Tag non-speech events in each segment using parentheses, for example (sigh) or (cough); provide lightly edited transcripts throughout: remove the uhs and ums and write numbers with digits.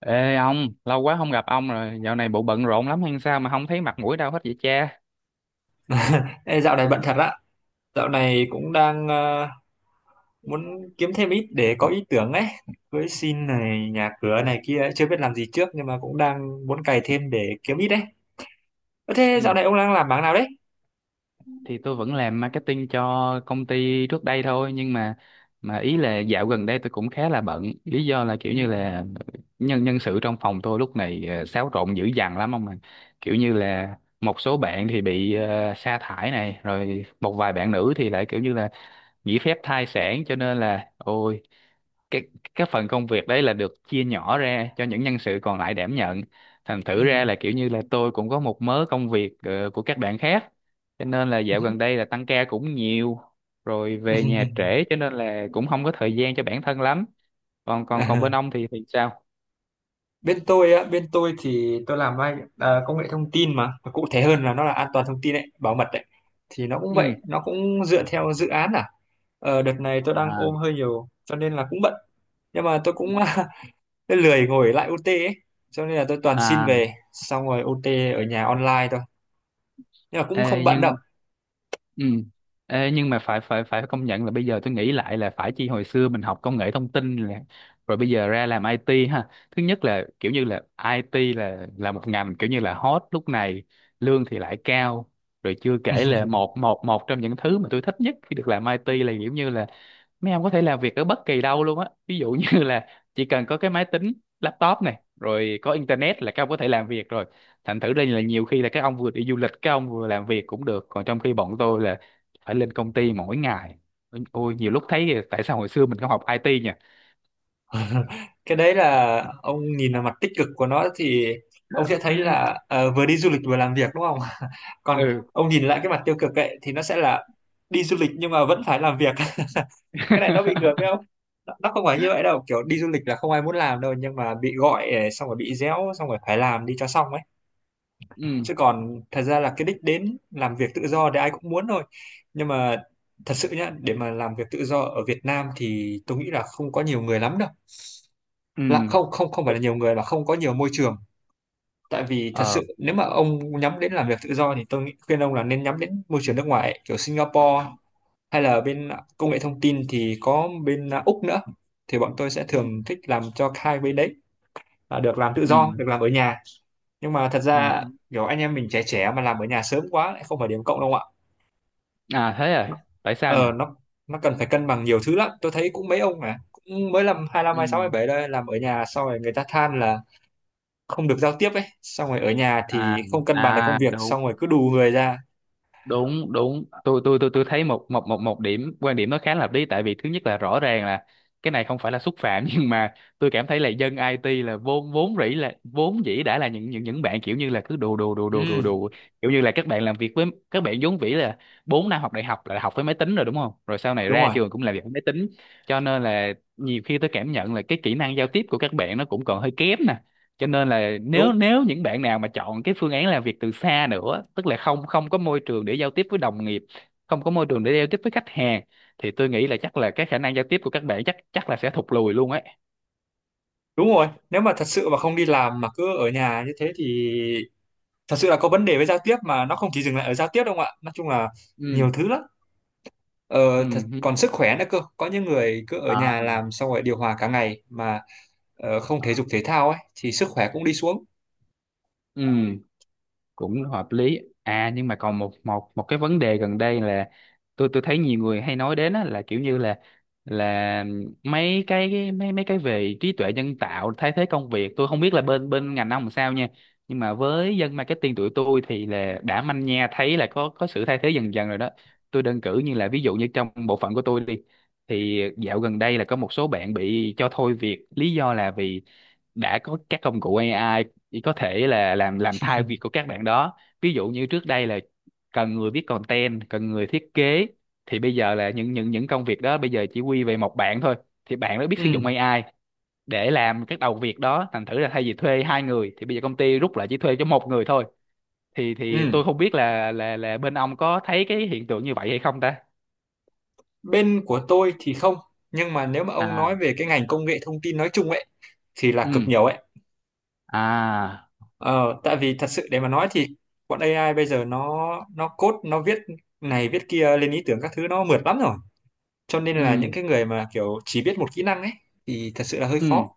Ê ông, lâu quá không gặp ông rồi, dạo này bộ bận rộn lắm hay sao mà không thấy mặt mũi đâu hết vậy cha? Ê, dạo này bận thật á. Dạo này cũng đang muốn kiếm thêm ít để có ý tưởng ấy, cưới xin này nhà cửa này kia ấy. Chưa biết làm gì trước nhưng mà cũng đang muốn cày thêm để kiếm ít đấy. Ơ thế Ừ, dạo này ông đang làm mảng nào đấy? thì tôi vẫn làm marketing cho công ty trước đây thôi, nhưng mà ý là dạo gần đây tôi cũng khá là bận, lý do là kiểu Ừ. như là nhân nhân sự trong phòng tôi lúc này xáo trộn dữ dằn lắm ông mà. Kiểu như là một số bạn thì bị sa thải này, rồi một vài bạn nữ thì lại kiểu như là nghỉ phép thai sản, cho nên là ôi cái cái phần công việc đấy là được chia nhỏ ra cho những nhân sự còn lại đảm nhận, thành Ừ. thử ra là kiểu như là tôi cũng có một mớ công việc của các bạn khác, cho nên là Ừ. dạo gần đây là tăng ca cũng nhiều, rồi Ừ. về nhà trễ cho nên là cũng không có thời gian cho bản thân lắm. Còn còn Còn À, bên ông thì sao? bên tôi á, bên tôi thì tôi làm công nghệ thông tin mà. Và cụ thể hơn là nó là an toàn thông tin đấy, bảo mật đấy, thì nó cũng Ừ. vậy, nó cũng dựa theo dự án à. Ờ, đợt này tôi đang ôm hơi nhiều cho nên là cũng bận, nhưng mà tôi cũng (laughs) tôi lười ngồi lại OT ấy. Cho nên là tôi toàn xin À. về xong rồi OT ở nhà online thôi. Nhưng mà cũng không Ê, bận đâu. nhưng Ừ. Ê, nhưng mà phải phải phải công nhận là bây giờ tôi nghĩ lại là phải chi hồi xưa mình học công nghệ thông tin là rồi bây giờ ra làm IT ha. Thứ nhất là kiểu như là IT là một ngành kiểu như là hot lúc này, lương thì lại cao. Rồi chưa kể là (laughs) một một một trong những thứ mà tôi thích nhất khi được làm IT là kiểu như là mấy em có thể làm việc ở bất kỳ đâu luôn á, ví dụ như là chỉ cần có cái máy tính, laptop này rồi có internet là các ông có thể làm việc rồi, thành thử đây là nhiều khi là các ông vừa đi du lịch các ông vừa làm việc cũng được, còn trong khi bọn tôi là phải lên công ty mỗi ngày, ôi nhiều lúc thấy tại sao hồi xưa mình không học IT nhỉ. Cái đấy là ông nhìn vào mặt tích cực của nó thì ông sẽ thấy (laughs) là vừa đi du lịch vừa làm việc đúng không? (laughs) Còn Ừ. ông nhìn lại cái mặt tiêu cực ấy thì nó sẽ là đi du lịch nhưng mà vẫn phải làm việc. (laughs) Cái này nó bị ngược đấy (laughs) không? Nó không phải như vậy đâu, kiểu đi du lịch là không ai muốn làm đâu nhưng mà bị gọi xong rồi bị réo xong rồi phải làm đi cho xong ấy. Ừ. Chứ còn thật ra là cái đích đến làm việc tự do thì ai cũng muốn thôi, nhưng mà thật sự nhá, để mà làm việc tự do ở Việt Nam thì tôi nghĩ là không có nhiều người lắm đâu, là Ừ. không không không phải là nhiều người, là không có nhiều môi trường. Tại vì thật Ờ. sự nếu mà ông nhắm đến làm việc tự do thì tôi nghĩ- khuyên ông là nên nhắm đến môi trường nước ngoài ấy, kiểu Singapore, hay là bên công nghệ thông tin thì có bên Úc nữa, thì bọn tôi sẽ Ừ. thường thích làm cho hai bên đấy. À, được làm tự Ừ. do được làm ở nhà, nhưng mà thật Ừ. ra Ừ. kiểu anh em mình trẻ trẻ mà làm ở nhà sớm quá lại không phải điểm cộng đâu ạ. À, thế à, Nó- tại sao nhỉ? ờ nó nó cần phải cân bằng nhiều thứ lắm, tôi thấy cũng mấy ông mà cũng mới làm hai năm, Ừ. hai sáu hai bảy đây, làm ở nhà xong rồi người ta than là không được giao tiếp ấy, xong rồi ở nhà À. thì không cân bằng được công À việc, đúng, xong rồi cứ đù người ra. đúng, đúng, tôi tôi thấy một một một một điểm quan điểm nó khá là hợp lý, tại vì thứ nhất là rõ ràng là cái này không phải là xúc phạm, (laughs) nhưng mà tôi cảm thấy là dân IT là vốn vốn rỉ là vốn dĩ đã là những bạn kiểu như là cứ đù đù đù đù đù Ừ. đù, kiểu như là các bạn làm việc với các bạn vốn vĩ là 4 năm học đại học là học với máy tính rồi, đúng không? Rồi sau này Đúng ra rồi. trường cũng làm việc với máy tính, cho nên là nhiều khi tôi cảm nhận là cái kỹ năng giao tiếp của các bạn nó cũng còn hơi kém, cho nên là đúng nếu nếu những bạn nào mà chọn cái phương án làm việc từ xa nữa, tức là không không có môi trường để giao tiếp với đồng nghiệp, không có môi trường để giao tiếp với khách hàng, thì tôi nghĩ là chắc là cái khả năng giao tiếp của các bạn chắc chắc là sẽ thụt lùi luôn ấy. đúng rồi nếu mà thật sự mà không đi làm mà cứ ở nhà như thế thì thật sự là có vấn đề với giao tiếp, mà nó không chỉ dừng lại ở giao tiếp đâu ạ, nói chung là Ừ. nhiều thứ lắm. Ờ, Ừ. thật, Ừ. còn sức khỏe nữa cơ, có những người cứ ở À. nhà làm xong rồi điều hòa cả ngày mà không thể dục thể thao ấy thì sức khỏe cũng đi xuống. Ừ, cũng hợp lý. À nhưng mà còn một một một cái vấn đề gần đây là tôi thấy nhiều người hay nói đến á, là kiểu như là là mấy cái về trí tuệ nhân tạo thay thế công việc, tôi không biết là bên bên ngành ông làm sao nha, nhưng mà với dân marketing tụi tôi thì là đã manh nha thấy là có sự thay thế dần dần rồi đó. Tôi đơn cử như là ví dụ như trong bộ phận của tôi đi, thì dạo gần đây là có một số bạn bị cho thôi việc, lý do là vì đã có các công cụ AI chỉ có thể là làm thay việc của các bạn đó, ví dụ như trước đây là cần người viết content, cần người thiết kế, thì bây giờ là những công việc đó bây giờ chỉ quy về một bạn thôi, thì bạn đó biết sử Ừ. dụng AI để làm các đầu việc đó, thành thử là thay vì thuê hai người thì bây giờ công ty rút lại chỉ thuê cho một người thôi, thì Ừ. tôi không biết là bên ông có thấy cái hiện tượng như vậy hay không ta? Bên của tôi thì không, nhưng mà nếu mà ông À. nói về cái ngành công nghệ thông tin nói chung ấy thì là cực Ừ. nhiều ấy. À. Ờ, Tại vì thật sự để mà nói thì bọn AI bây giờ nó code, nó viết này viết kia, lên ý tưởng các thứ, nó mượt lắm rồi, cho nên là những Ừ. cái người mà kiểu chỉ biết một kỹ năng ấy thì thật sự là hơi Ừ. khó.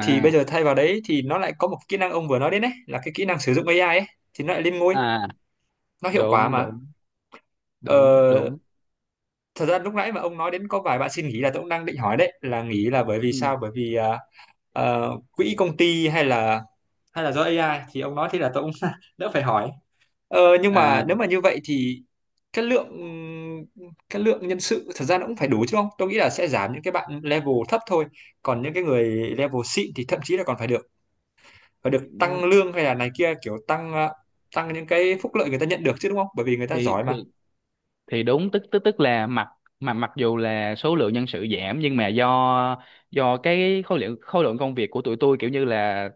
Thì bây giờ thay vào đấy thì nó lại có một kỹ năng ông vừa nói đến đấy, là cái kỹ năng sử dụng AI ấy, thì nó lại lên ngôi, À, nó hiệu quả đúng, mà. đúng, ờ, đúng, đúng. Thật ra lúc nãy mà ông nói đến có vài bạn xin nghỉ là tôi cũng đang định hỏi đấy, là nghỉ là bởi vì Ừ. sao, bởi vì quỹ công ty, hay là do AI, thì ông nói thế là tôi cũng (laughs) đỡ phải hỏi. Ờ, nhưng À. mà nếu mà như vậy thì cái lượng cái lượng nhân sự thật ra nó cũng phải đủ chứ, không tôi nghĩ là sẽ giảm những cái bạn level thấp thôi, còn những cái người level xịn thì thậm chí là còn phải được, và được tăng lương hay là này kia, kiểu tăng tăng những cái phúc lợi người ta nhận được chứ, đúng không, bởi vì người ta thì giỏi mà. thì thì đúng, tức tức tức là mà mặc dù là số lượng nhân sự giảm nhưng mà do cái khối lượng công việc của tụi tôi kiểu như là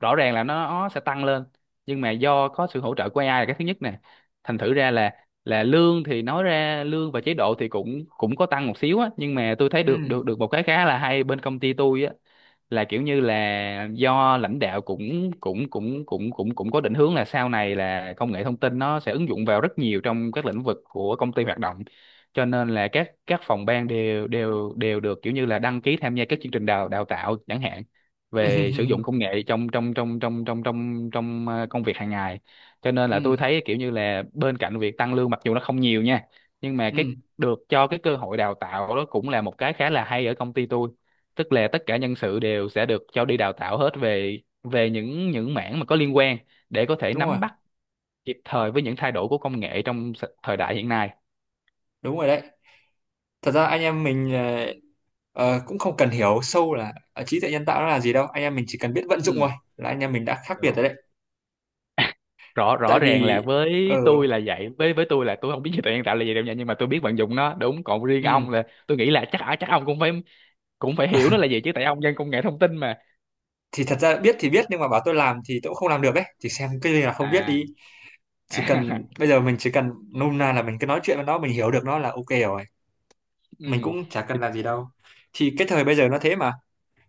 rõ ràng là nó sẽ tăng lên, nhưng mà do có sự hỗ trợ của AI là cái thứ nhất nè, thành thử ra là lương thì nói ra lương và chế độ thì cũng cũng có tăng một xíu á, nhưng mà tôi thấy Ừ. được được được một cái khá là hay bên công ty tôi á, là kiểu như là do lãnh đạo cũng cũng cũng cũng cũng cũng có định hướng là sau này là công nghệ thông tin nó sẽ ứng dụng vào rất nhiều trong các lĩnh vực của công ty hoạt động, cho nên là các phòng ban đều đều đều được kiểu như là đăng ký tham gia các chương trình đào đào tạo chẳng hạn (laughs) về sử Ừ. dụng công nghệ trong trong trong trong trong trong trong công việc hàng ngày, cho nên là tôi Ừ. thấy kiểu như là bên cạnh việc tăng lương mặc dù nó không nhiều nha, nhưng mà Ừ. cái được cho cái cơ hội đào tạo đó cũng là một cái khá là hay ở công ty tôi, tức là tất cả nhân sự đều sẽ được cho đi đào tạo hết về về những mảng mà có liên quan, để có thể Đúng rồi. nắm bắt kịp thời với những thay đổi của công nghệ trong thời đại hiện nay. Đúng rồi đấy, thật ra anh em mình cũng không cần hiểu sâu là trí tuệ nhân tạo nó là gì đâu, anh em mình chỉ cần biết vận dụng thôi Ừ. là anh em mình đã khác biệt Đó. rồi đấy. Rõ Tại Rõ ràng vì là ờ. với tôi là vậy, với tôi là tôi không biết trí tuệ nhân tạo là gì đâu nha, nhưng mà tôi biết vận dụng nó, đúng? Còn riêng Ừ. ông là tôi nghĩ là chắc, chắc ông cũng phải hiểu nó là gì (laughs) chứ, tại ông dân công nghệ thông tin mà. Thì thật ra biết thì biết, nhưng mà bảo tôi làm thì tôi cũng không làm được ấy, thì xem cái gì là không biết À. đi. Chỉ À. cần (laughs) bây giờ mình chỉ cần nôm na là mình cứ nói chuyện với nó, mình hiểu được nó là ok rồi, Ừ. mình cũng chả cần Chính làm gì xác. đâu. Thì cái thời bây giờ nó thế mà,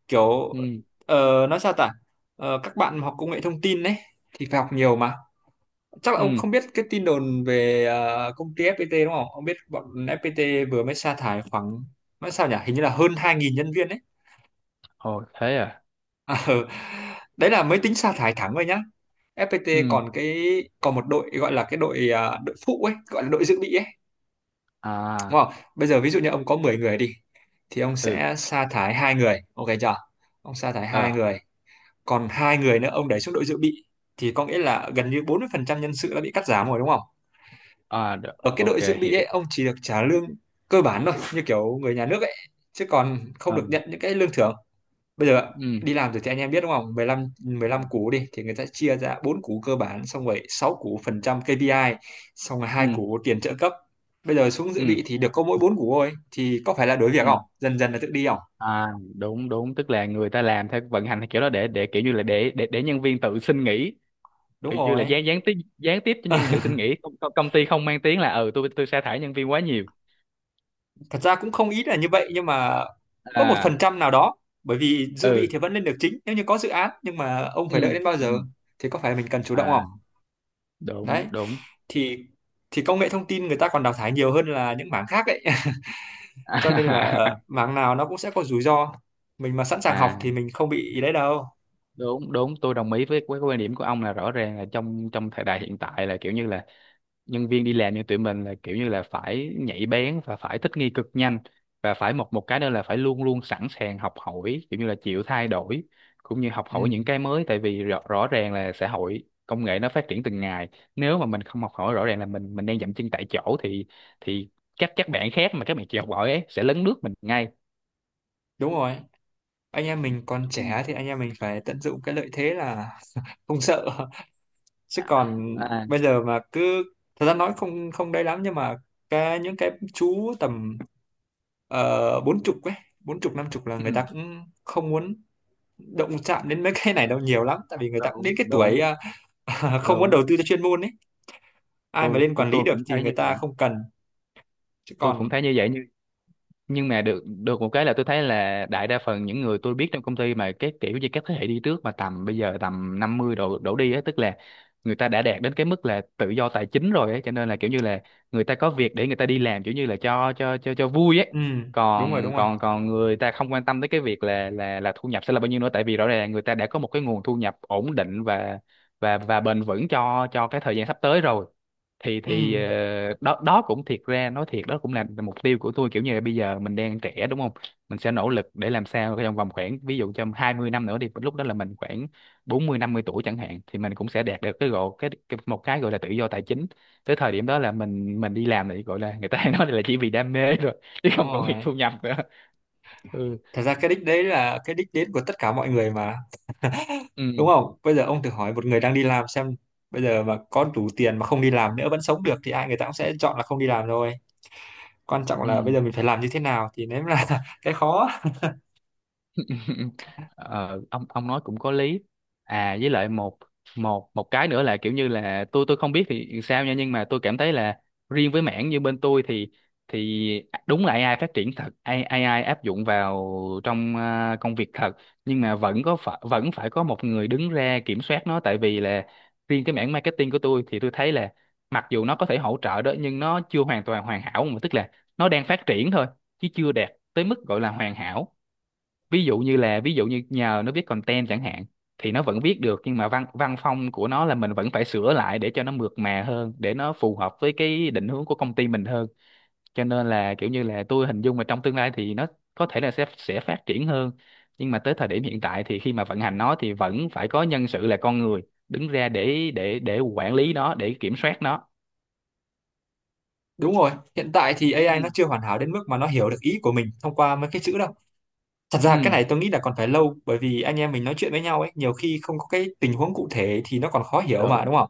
kiểu Ừ. Nói sao ta. Ờ, các bạn học công nghệ thông tin đấy thì phải học nhiều mà, chắc là ông Ừ. không biết cái tin đồn về công ty FPT đúng không, ông biết bọn FPT vừa mới sa thải khoảng, nói sao nhỉ, hình như là hơn 2.000 nhân viên đấy. Ồ, thế à? À, ừ. (laughs) Đấy là mới tính sa thải thẳng thôi nhá, FPT Ừ. còn cái, còn một đội gọi là cái đội đội phụ ấy, gọi là đội dự bị ấy, đúng À. không? Bây giờ ví dụ như ông có 10 người đi, thì ông Ừ. sẽ sa thải 2 người, ok chưa? Ông sa thải hai Ờ. người, còn 2 người nữa ông đẩy xuống đội dự bị, thì có nghĩa là gần như 40% nhân sự đã bị cắt giảm rồi đúng không? À, được. Ở cái OK. đội dự bị Hiểu. ấy ông chỉ được trả lương cơ bản thôi, như kiểu người nhà nước ấy, chứ còn không được Ừ. nhận những cái lương thưởng. Bây giờ Ừ. đi làm rồi thì anh em biết đúng không, 15 Ừ. 15 cú đi thì người ta chia ra bốn cú cơ bản, xong rồi 6 cú phần trăm KPI, xong rồi Ừ. hai cú tiền trợ cấp, bây giờ xuống Ừ. dự bị thì được có mỗi bốn cú thôi, thì có phải là đuổi việc Ừ. không, dần dần là tự đi không. À đúng, đúng, tức là người ta làm theo vận hành theo kiểu đó, để kiểu như là để nhân viên tự xin nghỉ, Đúng kiểu như là rồi. gián gián tiếp, gián tiếp cho nhân viên tự (laughs) xin nghỉ, công ty không mang tiếng là ừ tôi sa thải nhân viên quá nhiều. Thật ra cũng không ít là như vậy, nhưng mà có một phần À. trăm nào đó, bởi vì dự bị Ừ. thì vẫn lên được chính nếu như có dự án, nhưng mà ông phải đợi Ừ. đến bao Ừ. giờ, thì có phải mình cần chủ động không. À, đúng, Đấy, đúng. thì thì công nghệ thông tin người ta còn đào thải nhiều hơn là những mảng khác ấy. (laughs) Cho nên là (laughs) mảng nào nó cũng sẽ có rủi ro, mình mà sẵn sàng học À thì mình không bị ý đấy đâu. đúng, đúng, tôi đồng ý với cái quan điểm của ông là rõ ràng là trong trong thời đại hiện tại là kiểu như là nhân viên đi làm như tụi mình là kiểu như là phải nhạy bén và phải thích nghi cực nhanh, và phải một một cái nữa là phải luôn luôn sẵn sàng học hỏi kiểu như là chịu thay đổi cũng như học hỏi Ừ, những cái mới, tại vì rõ ràng là xã hội công nghệ nó phát triển từng ngày, nếu mà mình không học hỏi rõ ràng là mình đang dậm chân tại chỗ, thì thì các bạn khác mà các bạn chịu học hỏi ấy sẽ lấn lướt mình ngay. đúng rồi, anh em mình còn Ừ. trẻ thì anh em mình phải tận dụng cái lợi thế là không sợ. (laughs) Chứ còn À. bây giờ mà cứ, thật ra nói không không đấy lắm, nhưng mà cái những cái chú tầm 40 ấy, bốn chục 50 là người Ừ, ta cũng không muốn động chạm đến mấy (laughs) cái này đâu nhiều lắm, tại vì người ta cũng đúng, đến cái đúng, tuổi (laughs) không muốn đúng, đầu tư cho chuyên môn ấy, ai mà tôi lên tôi quản lý tôi được cũng thì thấy người như ta vậy, không cần. Chứ tôi cũng còn. thấy như vậy, nhưng mà được được một cái là tôi thấy là đại đa phần những người tôi biết trong công ty mà cái kiểu như các thế hệ đi trước mà tầm bây giờ tầm 50 đổ đổ đi á, tức là người ta đã đạt đến cái mức là tự do tài chính rồi ấy, cho nên là kiểu như là người ta có việc để người ta đi làm, kiểu như là cho vui ấy, Ừ. Đúng rồi. Đúng còn rồi. còn còn người ta không quan tâm tới cái việc là thu nhập sẽ là bao nhiêu nữa, tại vì rõ ràng là người ta đã có một cái nguồn thu nhập ổn định và bền vững cho cái thời gian sắp tới rồi. Thì Ừ. Đó đó cũng, thiệt ra nói thiệt, đó cũng là mục tiêu của tôi, kiểu như là bây giờ mình đang trẻ, đúng không? Mình sẽ nỗ lực để làm sao trong vòng khoảng ví dụ trong 20 năm nữa đi, lúc đó là mình khoảng 40 50 tuổi chẳng hạn thì mình cũng sẽ đạt được cái gọi cái một cái gọi là tự do tài chính. Tới thời điểm đó là mình đi làm thì gọi là người ta (laughs) hay nói là chỉ vì đam mê rồi, chứ Đúng không còn vì rồi, thu nhập nữa. Ừ. thật ra cái đích đấy là cái đích đến của tất cả mọi người mà, Ừ. đúng không, bây giờ ông thử hỏi một người đang đi làm xem, bây giờ mà có đủ tiền mà không đi làm nữa vẫn sống được thì ai người ta cũng sẽ chọn là không đi làm rồi, quan trọng Ừ. là bây giờ mình phải làm như thế nào, thì nếu là (laughs) cái khó. (laughs) Ờ, ông nói cũng có lý. À, với lại một một một cái nữa là kiểu như là tôi không biết thì sao nha, nhưng mà tôi cảm thấy là riêng với mảng như bên tôi thì đúng là AI phát triển thật, AI, AI áp dụng vào trong công việc thật, nhưng mà vẫn phải có một người đứng ra kiểm soát nó, tại vì là riêng cái mảng marketing của tôi thì tôi thấy là mặc dù nó có thể hỗ trợ đó nhưng nó chưa hoàn toàn hoàn hảo mà, tức là nó đang phát triển thôi chứ chưa đạt tới mức gọi là hoàn hảo, ví dụ như là ví dụ như nhờ nó viết content chẳng hạn thì nó vẫn viết được, nhưng mà văn văn phong của nó là mình vẫn phải sửa lại để cho nó mượt mà hơn, để nó phù hợp với cái định hướng của công ty mình hơn, cho nên là kiểu như là tôi hình dung là trong tương lai thì nó có thể là sẽ phát triển hơn, nhưng mà tới thời điểm hiện tại thì khi mà vận hành nó thì vẫn phải có nhân sự là con người đứng ra để quản lý nó để kiểm soát nó. Đúng rồi, hiện tại thì AI nó Ừ. chưa hoàn hảo đến mức mà nó hiểu được ý của mình thông qua mấy cái chữ đâu. Thật ra cái Ừ. này tôi nghĩ là còn phải lâu, bởi vì anh em mình nói chuyện với nhau ấy nhiều khi không có cái tình huống cụ thể thì nó còn khó hiểu mà đúng Đúng, không?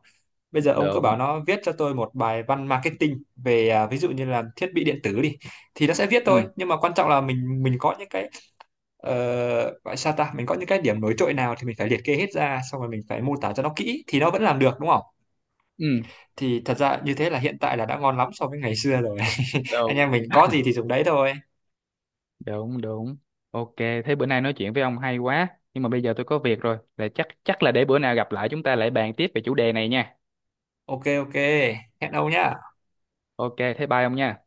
Bây giờ ông cứ bảo đúng. nó viết cho tôi một bài văn marketing về ví dụ như là thiết bị điện tử đi, thì nó sẽ viết thôi, Ừ. nhưng mà quan trọng là mình có những cái ờ, gọi sao ta, mình có những cái điểm nổi trội nào thì mình phải liệt kê hết ra, xong rồi mình phải mô tả cho nó kỹ thì nó vẫn làm được đúng không? Ừ. Thì thật ra như thế là hiện tại là đã ngon lắm so với ngày xưa rồi. (laughs) Anh em Đúng, mình có gì thì dùng đấy thôi. đúng, đúng. OK, thế bữa nay nói chuyện với ông hay quá, nhưng mà bây giờ tôi có việc rồi là chắc chắc là để bữa nào gặp lại chúng ta lại bàn tiếp về chủ đề này nha. Ok ok, hẹn ông nhá. OK, thế bye ông nha.